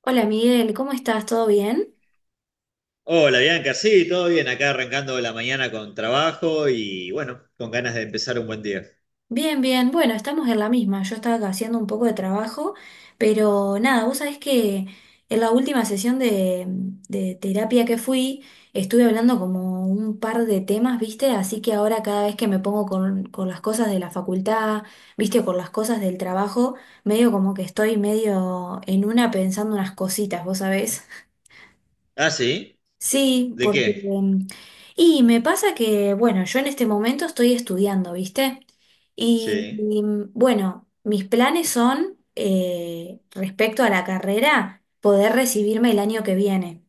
Hola Miguel, ¿cómo estás? ¿Todo bien? Hola Bianca, sí, todo bien, acá arrancando la mañana con trabajo y bueno, con ganas de empezar un buen día. Bien, bien. Bueno, estamos en la misma. Yo estaba acá haciendo un poco de trabajo, pero nada, vos sabés que en la última sesión de terapia que fui, estuve hablando como un par de temas, ¿viste? Así que ahora cada vez que me pongo con las cosas de la facultad, ¿viste? O con las cosas del trabajo, medio como que estoy medio en una pensando unas cositas, ¿vos sabés? Ah, sí, Sí, ¿de porque... qué? Y me pasa que, bueno, yo en este momento estoy estudiando, ¿viste? Sí. Bueno, mis planes son, respecto a la carrera, poder recibirme el año que viene.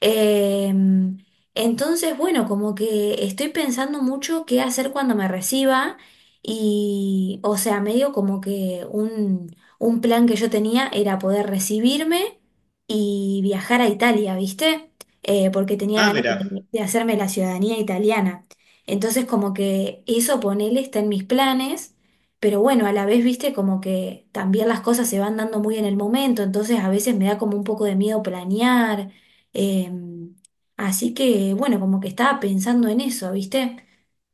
Em, entonces, bueno, como que estoy pensando mucho qué hacer cuando me reciba y, o sea, medio como que un plan que yo tenía era poder recibirme y viajar a Italia, ¿viste? Porque tenía Ah, ganas mira, de hacerme la ciudadanía italiana. Entonces, como que eso, ponele, está en mis planes, pero bueno, a la vez, ¿viste? Como que también las cosas se van dando muy en el momento, entonces a veces me da como un poco de miedo planear. Em, así que, bueno, como que estaba pensando en eso, ¿viste?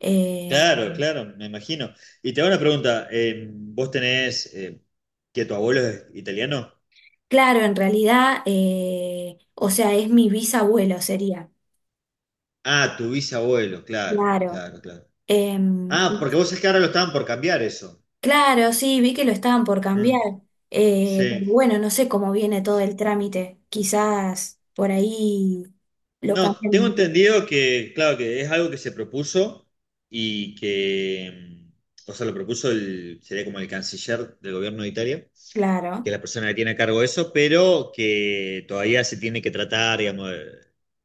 Eh, claro, claro, me imagino. Y te hago una pregunta, ¿vos tenés que tu abuelo es italiano? claro, en realidad, o sea, es mi bisabuelo, sería. Ah, tu bisabuelo, claro, Claro. claro, claro. Em, Ah, porque vos es que ahora lo estaban por cambiar eso. claro, sí, vi que lo estaban por cambiar. Mm, Pero sí. bueno, no sé cómo viene todo el trámite. Quizás por ahí lo No, tengo cambien. entendido que, claro, que es algo que se propuso y que, mm, o sea, lo propuso el, sería como el canciller del gobierno de Italia que Claro, la persona que tiene a cargo eso, pero que todavía se tiene que tratar, digamos, eh,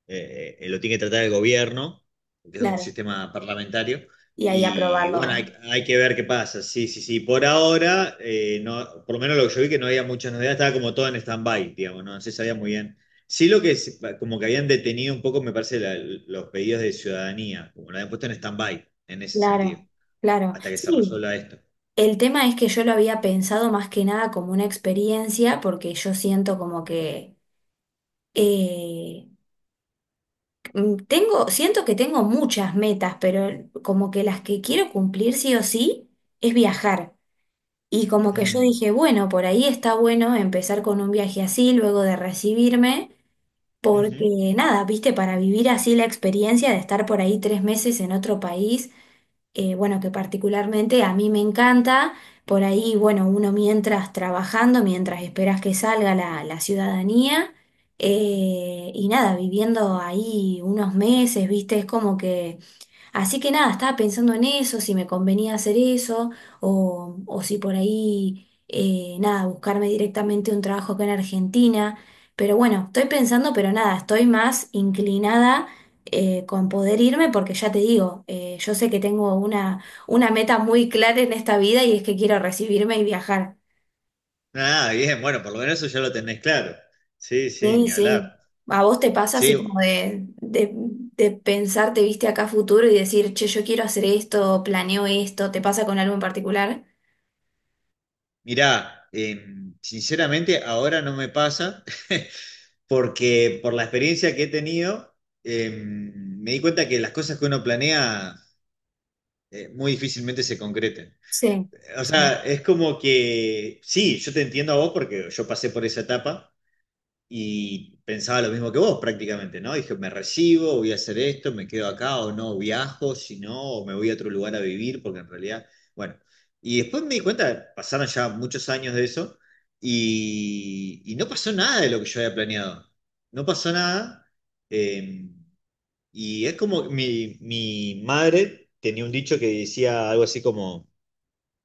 eh, eh, lo tiene que tratar el gobierno, porque es un claro. sistema parlamentario. Y ahí Y bueno, aprobarlo. hay que ver qué pasa. Sí, sí, sí. Por ahora, no, por lo menos lo que yo vi que no había muchas novedades, estaba como todo en stand-by, digamos, no. No se sabía muy bien. Sí, lo que es, como que habían detenido un poco, me parece, los pedidos de ciudadanía, como lo habían puesto en stand-by, en ese sentido, Claro, claro. hasta que se Sí. resuelva esto. El tema es que yo lo había pensado más que nada como una experiencia, porque yo siento como que eh, tengo, siento que tengo muchas metas, pero como que las que quiero cumplir sí o sí es viajar. Y como que yo Mm, dije, bueno, por ahí está bueno empezar con un viaje así, luego de recibirme, ujú. porque nada, viste, para vivir así la experiencia de estar por ahí tres meses en otro país bueno, que particularmente a mí me encanta. Por ahí, bueno, uno mientras trabajando, mientras esperas que salga la ciudadanía, y nada, viviendo ahí unos meses, viste, es como que así que nada, estaba pensando en eso, si me convenía hacer eso, o si por ahí, nada, buscarme directamente un trabajo acá en Argentina. Pero bueno, estoy pensando, pero nada, estoy más inclinada con poder irme, porque ya te digo, yo sé que tengo una meta muy clara en esta vida y es que quiero recibirme y viajar. Ah, bien, bueno, por lo menos eso ya lo tenés claro. Sí, sí, Sí, ni sí. hablar. ¿A vos te pasa así Sí, como de pensarte, viste, acá a futuro y decir, che, yo quiero hacer esto, planeo esto? ¿Te pasa con algo en particular? mirá, sinceramente ahora no me pasa, porque por la experiencia que he tenido, me di cuenta que las cosas que uno planea muy difícilmente se concreten. Sí, O sí, sea, es como que, sí, yo te entiendo a vos porque yo pasé por esa etapa, y pensaba lo mismo que vos prácticamente, ¿no? Dije, me recibo, voy a hacer esto, me quedo acá o no, viajo, si no, o me voy a otro lugar a vivir, porque en realidad, bueno. Y después me di cuenta, pasaron ya muchos años de eso y no pasó nada de lo que yo había planeado. No pasó nada. eh, y es como que mi madre tenía un dicho que decía algo así como,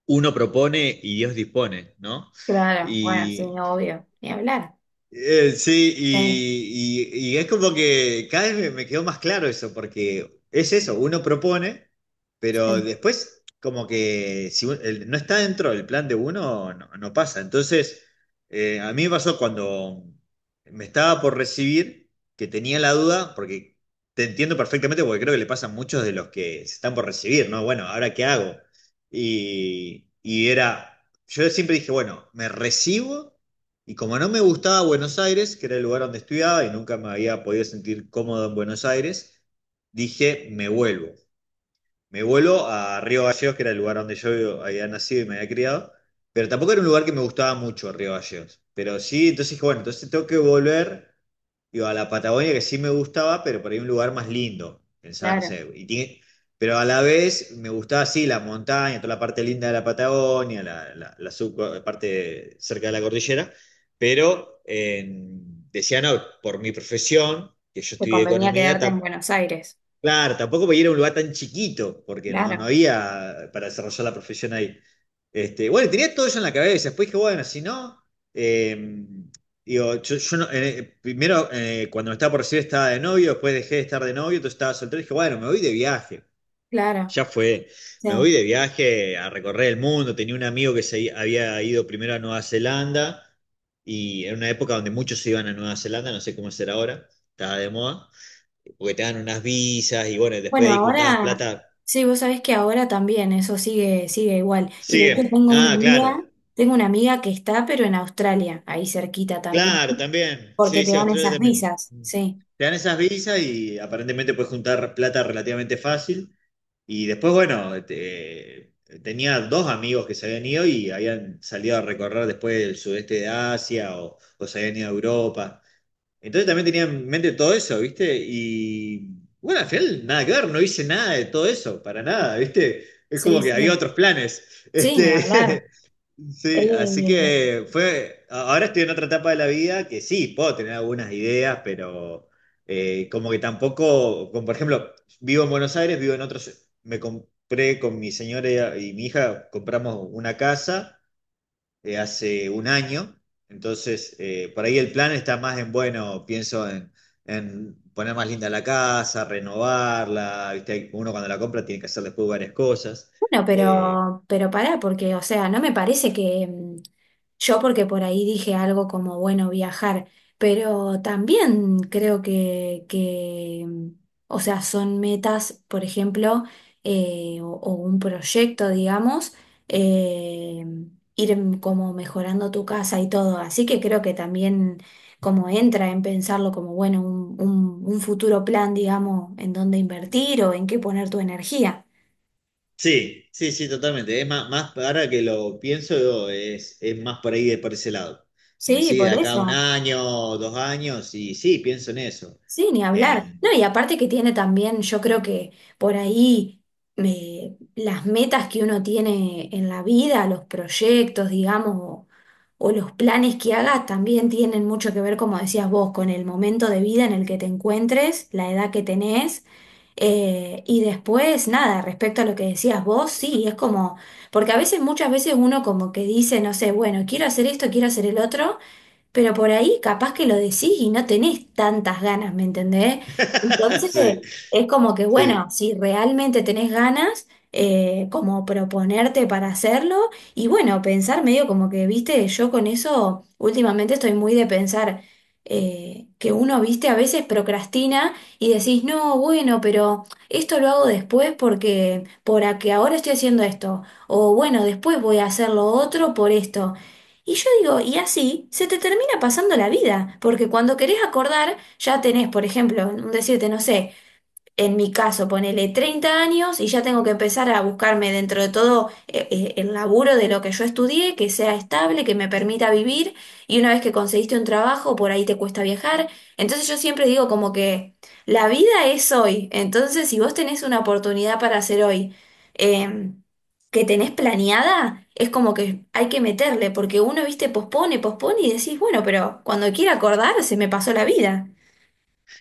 uno propone y Dios dispone, ¿no? claro, bueno, sí, Y, obvio, ni hablar. Sí, Sí, y, y es como que cada vez me quedó más claro eso, porque es eso, uno propone, pero sí, después como que si no está dentro del plan de uno, no, no pasa. Entonces, a mí me pasó cuando me estaba por recibir, que tenía la duda, porque te entiendo perfectamente, porque creo que le pasa a muchos de los que se están por recibir, ¿no? Bueno, ¿ahora qué hago? Y era, yo siempre dije, bueno, ¿me recibo? Y como no me gustaba Buenos Aires, que era el lugar donde estudiaba y nunca me había podido sentir cómodo en Buenos Aires, dije, me vuelvo. Me vuelo a Río Gallegos, que era el lugar donde yo había nacido y me había criado, pero tampoco era un lugar que me gustaba mucho, Río Gallegos. Pero sí, entonces dije, bueno, entonces tengo que volver, digo, a la Patagonia, que sí me gustaba, pero por ahí un lugar más lindo. Pensaba, no claro. sé, pero a la vez me gustaba, sí, la montaña, toda la parte linda de la Patagonia, parte cerca de la cordillera, pero decía, no, por mi profesión, que yo Te estudié convenía economía. quedarte en Buenos Aires, Claro, tampoco podía ir a un lugar tan chiquito, porque no, no claro, había para desarrollar la profesión ahí. Este, bueno, y tenía todo eso en la cabeza. Después dije, bueno, si no, eh, digo, yo no- primero cuando me estaba por recibir estaba de novio, después dejé de estar de novio, entonces estaba soltero. Y dije, bueno, me voy de viaje. claro, Ya fue, me voy sí. de viaje a recorrer el mundo. Tenía un amigo que había ido primero a Nueva Zelanda y en una época donde muchos se iban a Nueva Zelanda, no sé cómo será ahora, estaba de moda porque te dan unas visas y bueno, después de Bueno, ahí juntabas ahora, plata, sí, vos sabés que ahora también eso sigue, sigue igual. Y de hecho siguen. Ah, claro, tengo una amiga que está, pero en Australia, ahí cerquita también, claro, también. porque Sí, te sí, dan Australia esas también. visas, sí. Te dan esas visas y aparentemente puedes juntar plata relativamente fácil. Y después, bueno, tenía dos amigos que se habían ido y habían salido a recorrer después el sudeste de Asia o se habían ido a Europa. Entonces también tenía en mente todo eso, ¿viste? Y bueno, al final nada que ver, no hice nada de todo eso, para nada, ¿viste? Es Sí, como que había sí. otros planes. Sí, ni Este, hablar. Eh, sí, así que fue, ahora estoy en otra etapa de la vida que sí, puedo tener algunas ideas, pero como que tampoco, como por ejemplo, vivo en Buenos Aires, vivo en otros, me compré con mi señora y mi hija, compramos una casa hace un año. Entonces, por ahí el plan está más en, bueno, en poner más linda la casa, renovarla, ¿viste? Uno cuando la compra tiene que hacer después varias cosas. Bueno, Eh, pero pará, porque, o sea, no me parece que yo, porque por ahí dije algo como, bueno, viajar, pero también creo que, o sea, son metas, por ejemplo, o un proyecto, digamos, eh, ir como mejorando tu casa y todo. Así que creo que también como entra en pensarlo como, bueno, un un futuro plan, digamos, en dónde invertir o en qué poner tu energía. sí, sí, sí, totalmente. Es más, más ahora que lo pienso, yo, es más por ahí, por ese lado. Si me Sí, sigue de por acá un eso. año, dos años, y sí, pienso en eso. Sí, ni hablar. No, En... y aparte que tiene también, yo creo que por ahí las metas que uno tiene en la vida, los proyectos, digamos, o los planes que hagas, también tienen mucho que ver, como decías vos, con el momento de vida en el que te encuentres, la edad que tenés. Y después, nada, respecto a lo que decías vos, sí, es como, porque a veces, muchas veces uno como que dice, no sé, bueno, quiero hacer esto, quiero hacer el otro, pero por ahí capaz que lo decís y no tenés tantas ganas, ¿me entendés? Entonces, Sí, es como que, bueno, sí. si realmente tenés ganas, como proponerte para hacerlo y bueno, pensar medio como que, viste, yo con eso últimamente estoy muy de pensar. Que uno, viste, a veces procrastina y decís, no, bueno, pero esto lo hago después porque, por a que ahora estoy haciendo esto, o bueno, después voy a hacer lo otro por esto. Y yo digo, y así se te termina pasando la vida, porque cuando querés acordar, ya tenés, por ejemplo, un decirte, no sé, en mi caso, ponele 30 años y ya tengo que empezar a buscarme dentro de todo el laburo de lo que yo estudié, que sea estable, que me permita vivir, y una vez que conseguiste un trabajo, por ahí te cuesta viajar. Entonces yo siempre digo como que la vida es hoy, entonces si vos tenés una oportunidad para hacer hoy eh, que tenés planeada, es como que hay que meterle, porque uno, viste, pospone, pospone y decís, bueno, pero cuando quiera acordar se me pasó la vida.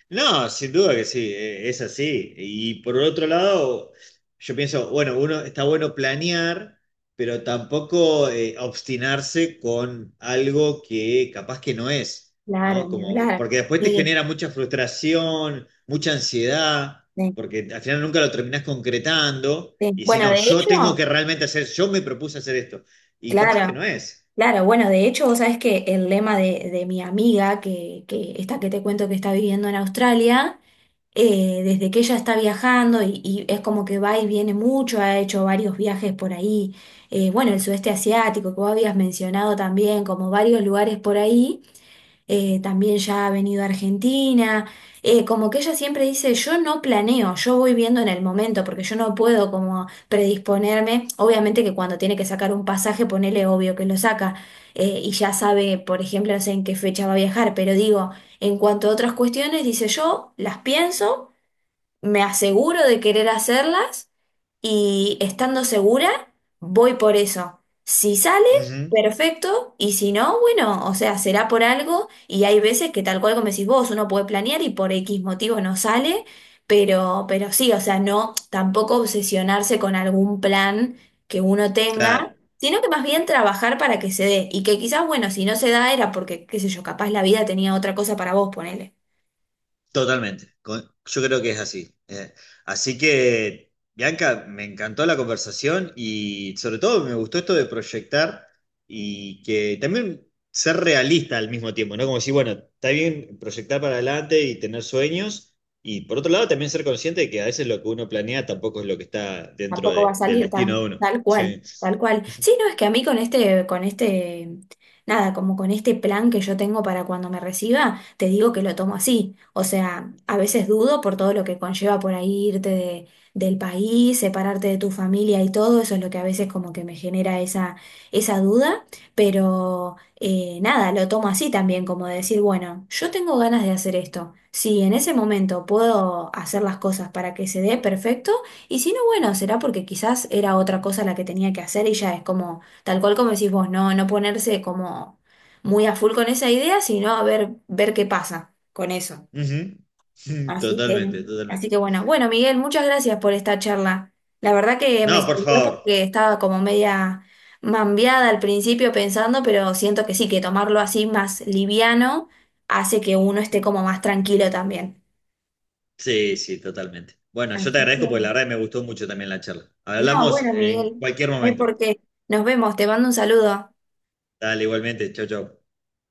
No, sin duda que sí, es así. Y por otro lado, yo pienso, bueno, uno está bueno planear, pero tampoco obstinarse con algo que capaz que no es, Claro, ¿no? ni Como, hablar. porque después te genera mucha frustración, mucha ansiedad, Sí. porque al final nunca lo terminás concretando. Sí. Y si Bueno, no, de yo tengo que hecho, realmente hacer, yo me propuse hacer esto. Y capaz que no claro, es. claro, bueno, de hecho, vos sabés que el lema de mi amiga, que esta que te cuento que está viviendo en Australia, desde que ella está viajando y es como que va y viene mucho, ha hecho varios viajes por ahí, bueno, el sudeste asiático, que vos habías mencionado también, como varios lugares por ahí. También ya ha venido a Argentina, como que ella siempre dice, yo no planeo, yo voy viendo en el momento, porque yo no puedo como predisponerme, obviamente que cuando tiene que sacar un pasaje, ponele obvio que lo saca, y ya sabe, por ejemplo, no sé en qué fecha va a viajar, pero digo, en cuanto a otras cuestiones, dice, yo las pienso, me aseguro de querer hacerlas y estando segura, voy por eso. Si sale, Ujú, perfecto, y si no, bueno, o sea, será por algo, y hay veces que tal cual como decís vos, uno puede planear y por X motivo no sale, pero sí, o sea, no tampoco obsesionarse con algún plan que uno claro. tenga, sino que más bien trabajar para que se dé, y que quizás, bueno, si no se da era porque, qué sé yo, capaz la vida tenía otra cosa para vos, ponele. Totalmente, yo creo que es así. Así que, Bianca, me encantó la conversación y sobre todo me gustó esto de proyectar y que también ser realista al mismo tiempo, ¿no? Como si bueno, está bien proyectar para adelante y tener sueños y por otro lado también ser consciente de que a veces lo que uno planea tampoco es lo que está dentro Tampoco va a del salir destino de tan, uno. tal cual, Sí. tal cual. Sí, no, es que a mí nada, como con este plan que yo tengo para cuando me reciba, te digo que lo tomo así. O sea, a veces dudo por todo lo que conlleva por ahí irte de- del país, separarte de tu familia y todo, eso es lo que a veces como que me genera esa duda, pero nada, lo tomo así también, como de decir, bueno, yo tengo ganas de hacer esto. Si en ese momento puedo hacer las cosas para que se dé, perfecto. Y si no, bueno, será porque quizás era otra cosa la que tenía que hacer y ya es como, tal cual como decís vos, no, no ponerse como muy a full con esa idea, sino a ver, ver qué pasa con eso. Ujú. Así que, Totalmente, así totalmente. que bueno, bueno, Miguel, muchas gracias por esta charla. La verdad que me No, por sirvió favor. porque estaba como media mambiada al principio pensando, pero siento que sí, que tomarlo así más liviano hace que uno esté como más tranquilo también. Sí, sí, totalmente. Bueno, yo te Así agradezco que porque la verdad que me gustó mucho también la charla. no, Hablamos bueno, en Miguel, cualquier no hay momento. por qué. Nos vemos, te mando un saludo. Dale, igualmente. Chau, chau.